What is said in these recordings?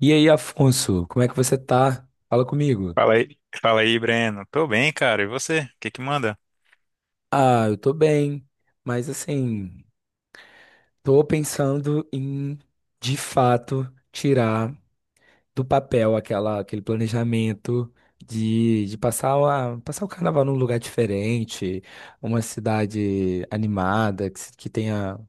E aí, Afonso, como é que você tá? Fala comigo. Fala aí, Breno. Tô bem, cara. E você? O que que manda? Ah, eu tô bem, mas assim, tô pensando em, de fato, tirar do papel aquele planejamento de passar, passar o carnaval num lugar diferente, uma cidade animada, que, que tenha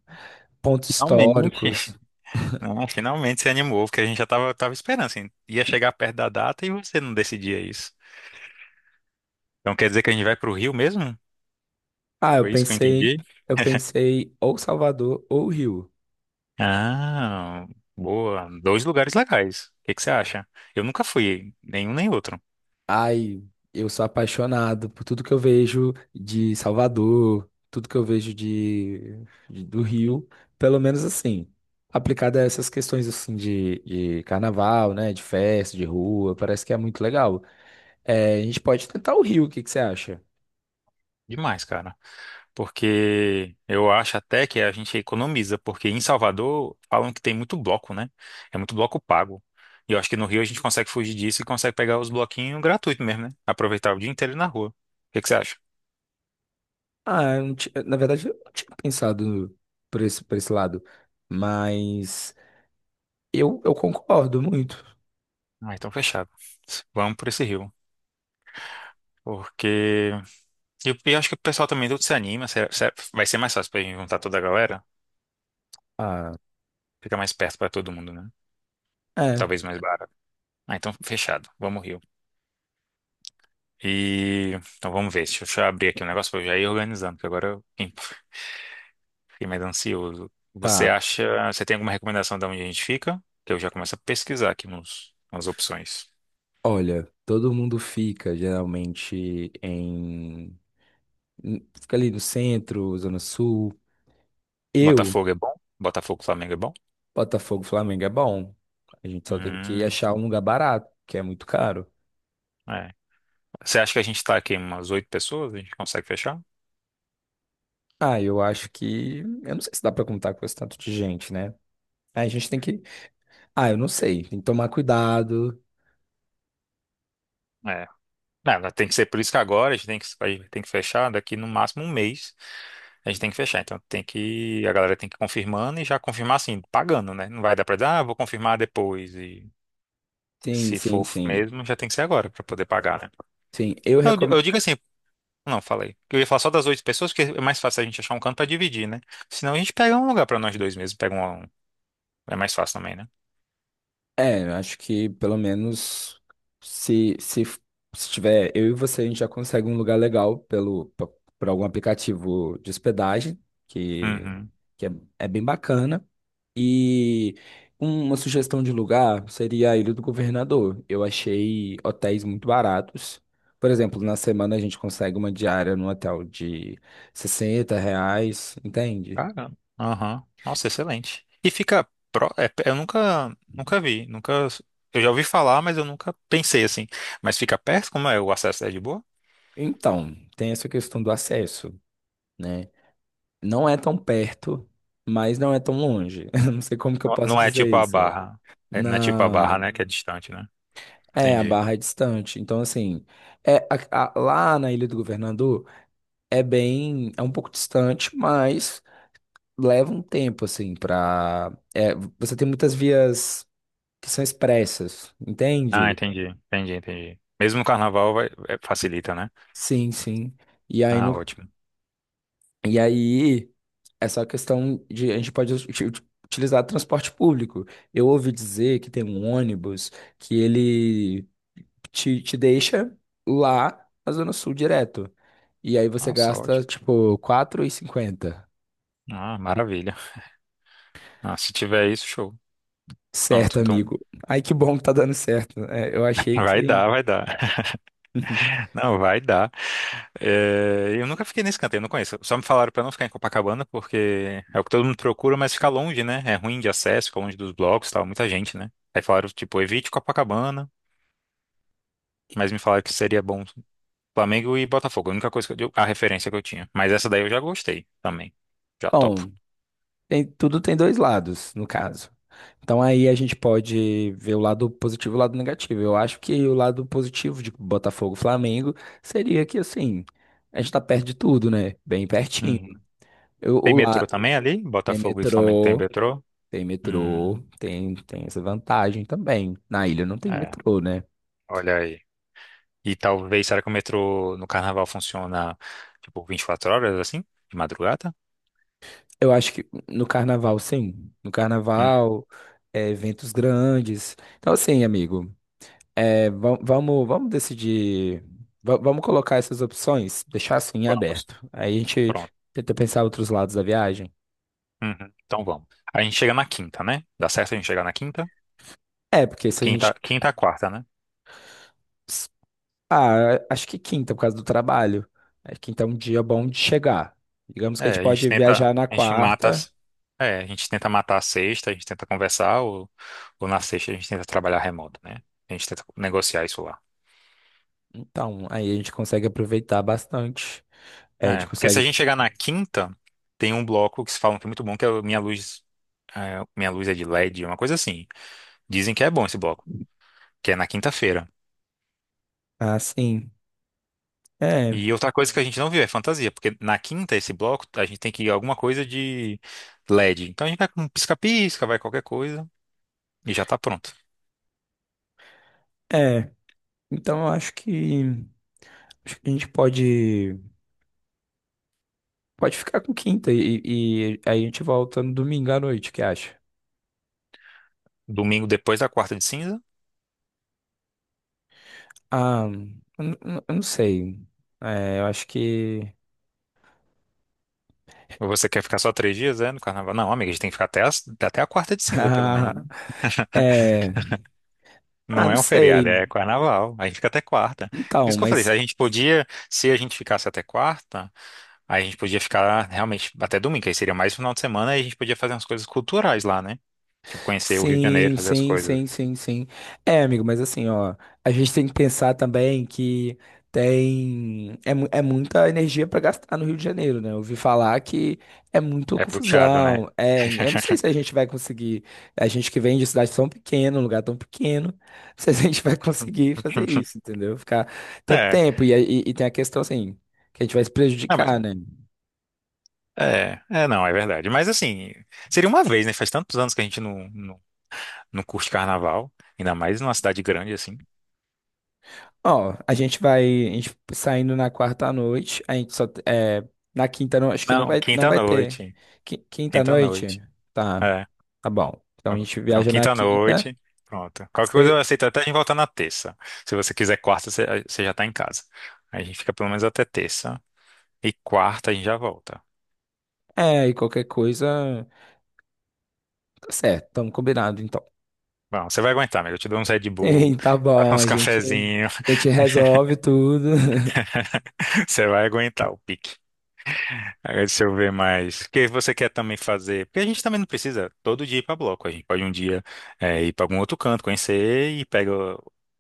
pontos Finalmente. históricos. Não, finalmente se animou, porque a gente já tava esperando, assim. Ia chegar perto da data e você não decidia isso. Então quer dizer que a gente vai pro Rio mesmo? Ah, eu Foi isso que eu pensei, entendi? eu pensei ou Salvador ou Rio. Ah, boa. Dois lugares legais. O que que você acha? Eu nunca fui, nenhum nem outro. Ai, eu sou apaixonado por tudo que eu vejo de Salvador, tudo que eu vejo do Rio, pelo menos assim, aplicado a essas questões assim de carnaval, né, de festa, de rua, parece que é muito legal. É, a gente pode tentar o Rio, o que que você acha? Demais, cara. Porque eu acho até que a gente economiza, porque em Salvador falam que tem muito bloco, né? É muito bloco pago. E eu acho que no Rio a gente consegue fugir disso e consegue pegar os bloquinhos gratuitos mesmo, né? Aproveitar o dia inteiro na rua. O que que você acha? Ah, eu não ti- na verdade, eu não tinha pensado por esse lado, mas eu concordo muito. Ah, então fechado. Vamos por esse Rio. Porque. E eu acho que o pessoal também tudo se anima. Vai ser mais fácil pra gente juntar toda a galera. Ah, Fica mais perto pra todo mundo, né? é, Talvez mais barato. Ah, então fechado. Vamos Rio. E. Então vamos ver. Deixa eu abrir aqui o negócio pra eu já ir organizando, que agora eu fiquei mais ansioso. Você tá. acha, você tem alguma recomendação de onde a gente fica? Que eu já começo a pesquisar aqui nas opções. Olha, todo mundo fica geralmente Fica ali no centro, Zona Sul. Eu, Botafogo é bom? Botafogo, Flamengo é bom? Botafogo, Flamengo é bom. A gente só tem que Hum, achar um lugar barato, que é muito caro. é. Você acha que a gente tá aqui umas 8 pessoas? A gente consegue fechar? Ah, eu acho que. Eu não sei se dá pra contar com esse tanto de gente, né? A gente tem que. Ah, eu não sei. Tem que tomar cuidado. É. Não, tem que ser por isso que agora a gente tem que tem que fechar daqui no máximo um mês. A gente tem que fechar. Então tem que, a galera tem que ir confirmando e já confirmar assim, pagando, né? Não vai dar pra dizer, ah, vou confirmar depois. E Sim, se sim, for sim. mesmo, já tem que ser agora pra poder pagar, né? Sim, eu Não, eu recomendo. digo assim, não, falei. Eu ia falar só das 8 pessoas, porque é mais fácil a gente achar um canto pra dividir, né? Senão a gente pega um lugar pra nós dois mesmo. Pega um. É mais fácil também, né? É, eu acho que pelo menos se, se, se tiver eu e você, a gente já consegue um lugar legal por algum aplicativo de hospedagem, que, Uhum. que é, é bem bacana. E uma sugestão de lugar seria a Ilha do Governador. Eu achei hotéis muito baratos. Por exemplo, na semana a gente consegue uma diária num hotel de R$ 60, entende? Caramba. Aham. Nossa, excelente. E fica. É, eu nunca vi. Nunca. Eu já ouvi falar, mas eu nunca pensei assim. Mas fica perto? Como é? O acesso é de boa? Então, tem essa questão do acesso, né? Não é tão perto, mas não é tão longe. Eu não sei como que eu posso Não é tipo dizer a isso. barra. É, não é tipo a barra, né? Não. Que é distante, né? É, a Entendi. Barra é distante. Então, assim, é, lá na Ilha do Governador é bem, é um pouco distante, mas leva um tempo, assim, pra. É, você tem muitas vias que são expressas, Ah, entende? entendi. Entendi. Mesmo no carnaval vai, é, facilita, né? Sim, sim. E aí no, Ah, ótimo. e aí essa questão de a gente pode utilizar transporte público. Eu ouvi dizer que tem um ônibus que ele te deixa lá na Zona Sul direto. E aí você Nossa, gasta, ótimo. tipo, 4,50. Ah, maravilha. Ah, se tiver isso, show. Certo, Pronto, então. amigo. Ai, que bom que tá dando certo. É, eu achei Vai que. dar, vai dar. Não, vai dar. É, eu nunca fiquei nesse canto, eu não conheço. Só me falaram pra não ficar em Copacabana, porque é o que todo mundo procura, mas fica longe, né? É ruim de acesso, fica longe dos blocos, e tal, muita gente, né? Aí falaram, tipo, evite Copacabana, mas me falaram que seria bom Flamengo e Botafogo, a única coisa a referência que eu tinha. Mas essa daí eu já gostei também. Já topo. Bom, tudo tem dois lados, no caso. Então aí a gente pode ver o lado positivo e o lado negativo. Eu acho que o lado positivo de Botafogo e Flamengo seria que assim, a gente tá perto de tudo, né? Bem pertinho. Uhum. Eu, Tem o metrô lá também ali? tem Botafogo e Flamengo tem metrô, metrô? tem metrô, Hum, tem, tem essa vantagem também. Na ilha não tem é, metrô, né? olha aí. E talvez, será que o metrô no carnaval funciona tipo 24 horas assim? De madrugada? Eu acho que no carnaval, sim. No Hum, carnaval, é, eventos grandes. Então, assim, amigo. É, vamos decidir. Vamos colocar essas opções, deixar assim em vamos. aberto. Aí a gente Pronto. tenta pensar outros lados da viagem. Uhum, então vamos. A gente chega na quinta, né? Dá certo a gente chegar na quinta? É, porque se a Quinta, gente. quinta, a quarta, né? s- Ah, acho que quinta, por causa do trabalho. É, quinta é um dia bom de chegar. Digamos que a É, gente a gente pode tenta, viajar na a gente mata, quarta. as- é, a gente tenta matar a sexta, a gente tenta conversar, ou na sexta a gente tenta trabalhar remoto, né? A gente tenta negociar isso lá. Então, aí a gente consegue aproveitar bastante. É, a gente É, porque se a consegue. gente chegar na quinta, tem um bloco que se falam que é muito bom, que é o Minha Luz é de LED, uma coisa assim. Dizem que é bom esse bloco, que é na quinta-feira. Ah, sim. É, E outra coisa que a gente não viu é fantasia, porque na quinta, esse bloco, a gente tem que ir alguma coisa de LED. Então a gente vai com pisca-pisca, vai qualquer coisa e já tá pronto. é. Então, eu acho que, acho que a gente pode. Pode ficar com quinta e aí a gente volta no domingo à noite, o que acha? Domingo depois da quarta de cinza. Ah, eu não sei. É, eu acho que. Ou você quer ficar só três dias, é, no carnaval? Não, amiga, a gente tem que ficar até a quarta de cinza, pelo menos, né? É, ah, Não não é um feriado, sei. é carnaval. A gente fica até quarta. Por Então, isso que eu falei, mas se a gente ficasse até quarta. Aí a gente podia ficar realmente até domingo, aí seria mais final de semana e a gente podia fazer umas coisas culturais lá, né? Tipo, conhecer o Rio de Janeiro, sim, fazer as sim, coisas. sim, sim, sim. É, amigo, mas assim, ó, a gente tem que pensar também que é muita energia para gastar no Rio de Janeiro, né? Eu ouvi falar que é muita É puxado, né? confusão. É, eu não sei se a gente vai conseguir, a gente que vem de cidade tão pequena, um lugar tão pequeno, se a gente vai conseguir fazer isso, entendeu? Ficar tanto É, tempo e tem a questão assim, que a gente vai se ah, mas- prejudicar, né? é, não, é verdade. Mas assim, seria uma vez, né? Faz tantos anos que a gente não curte carnaval, ainda mais numa cidade grande assim. Ó, a gente saindo na quarta à noite, a gente só é, na quinta não, acho que Não, não vai ter. quinta-noite. Quinta à Quinta-noite. noite? Tá. Tá bom. Então a gente Então, viaja na quinta. quinta-noite. Pronto. Qualquer coisa eu Se, aceito até a gente voltar na terça. Se você quiser quarta, você já tá em casa. Aí a gente fica pelo menos até terça. E quarta a gente já volta. é, e qualquer coisa, tá certo, estamos combinado então. Bom, você vai aguentar, amigo. Eu te dou uns Red Bull, Sim, tá bom, uns cafezinhos. a gente resolve tudo. Você vai aguentar o pique. Aí, deixa eu ver mais. O que você quer também fazer? Porque a gente também não precisa todo dia ir pra bloco. A gente pode um dia ir pra algum outro canto, conhecer e pega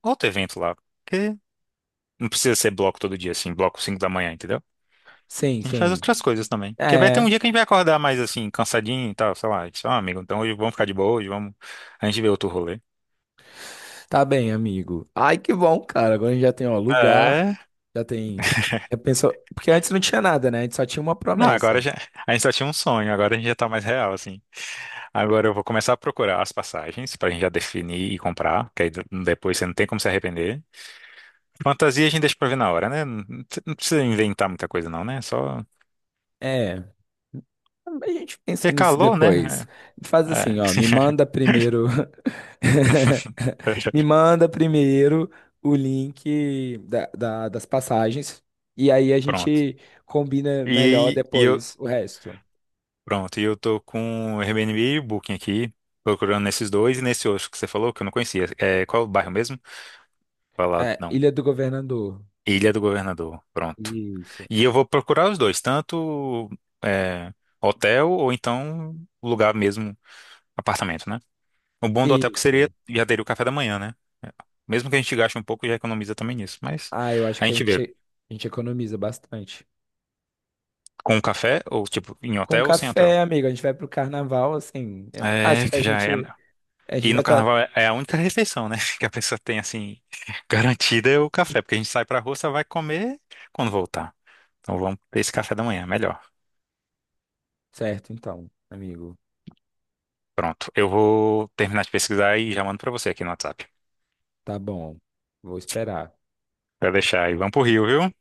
outro evento lá. Porque não precisa ser bloco todo dia, assim, bloco 5 da manhã, entendeu? Sim, A gente faz sim. outras coisas também. Porque vai ter um É. dia que a gente vai acordar mais assim, cansadinho e tal, sei lá. Só, ah, amigo, então hoje vamos ficar de boa, hoje vamos. A gente vê outro rolê. Tá bem, amigo. Ai, que bom, cara. Agora a gente já tem, ó, lugar, É. já tem. Já pensou, porque antes não tinha nada, né? A gente só tinha uma Não, promessa. agora já. A gente só tinha um sonho, agora a gente já tá mais real, assim. Agora eu vou começar a procurar as passagens pra gente já definir e comprar, que aí depois você não tem como se arrepender. Fantasia a gente deixa pra ver na hora, né? Não não precisa inventar muita coisa, não, né? É só. É, a gente Porque pensa é nisso calor, né? depois. Faz É. É. assim, ó, me manda primeiro, me manda primeiro o link das passagens e aí a Pronto. gente combina melhor E, e eu, depois o resto. Pronto, e eu tô com o Airbnb e o Booking aqui, procurando nesses dois e nesse outro que você falou, que eu não conhecia. É, qual é o bairro mesmo? Falar, É, não. Ilha do Governador. Ilha do Governador, pronto. Isso, E eu vou procurar os dois, tanto é, hotel ou então lugar mesmo, apartamento, né? O bom do hotel é que isso. seria, já teria o café da manhã, né? Mesmo que a gente gaste um pouco, já economiza também nisso. Mas Ah, eu acho a que gente vê a gente economiza bastante. com o café, ou tipo, em Com hotel ou sem hotel. café, amigo, a gente vai pro carnaval, assim, eu acho É, que que já é. A gente E vai no estar carnaval é a única refeição, né? Que a pessoa tem, assim, garantida é o café. Porque a gente sai pra rua, só vai comer quando voltar. Então vamos ter esse café da manhã, melhor. certo, então, amigo. Pronto. Eu vou terminar de pesquisar e já mando pra você aqui no WhatsApp. Tá bom, vou esperar. Pra deixar aí. Vamos pro Rio, viu?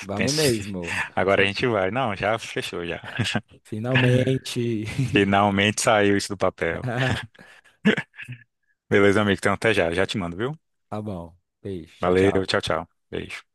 Vamos Pense. mesmo. Agora a gente vai. Não, já fechou, já. Finalmente. Finalmente saiu isso do papel. Beleza, amigo? Então até já. Já te mando, viu? Tá bom. Beijo, tchau, Valeu, tchau. tchau, tchau. Beijo.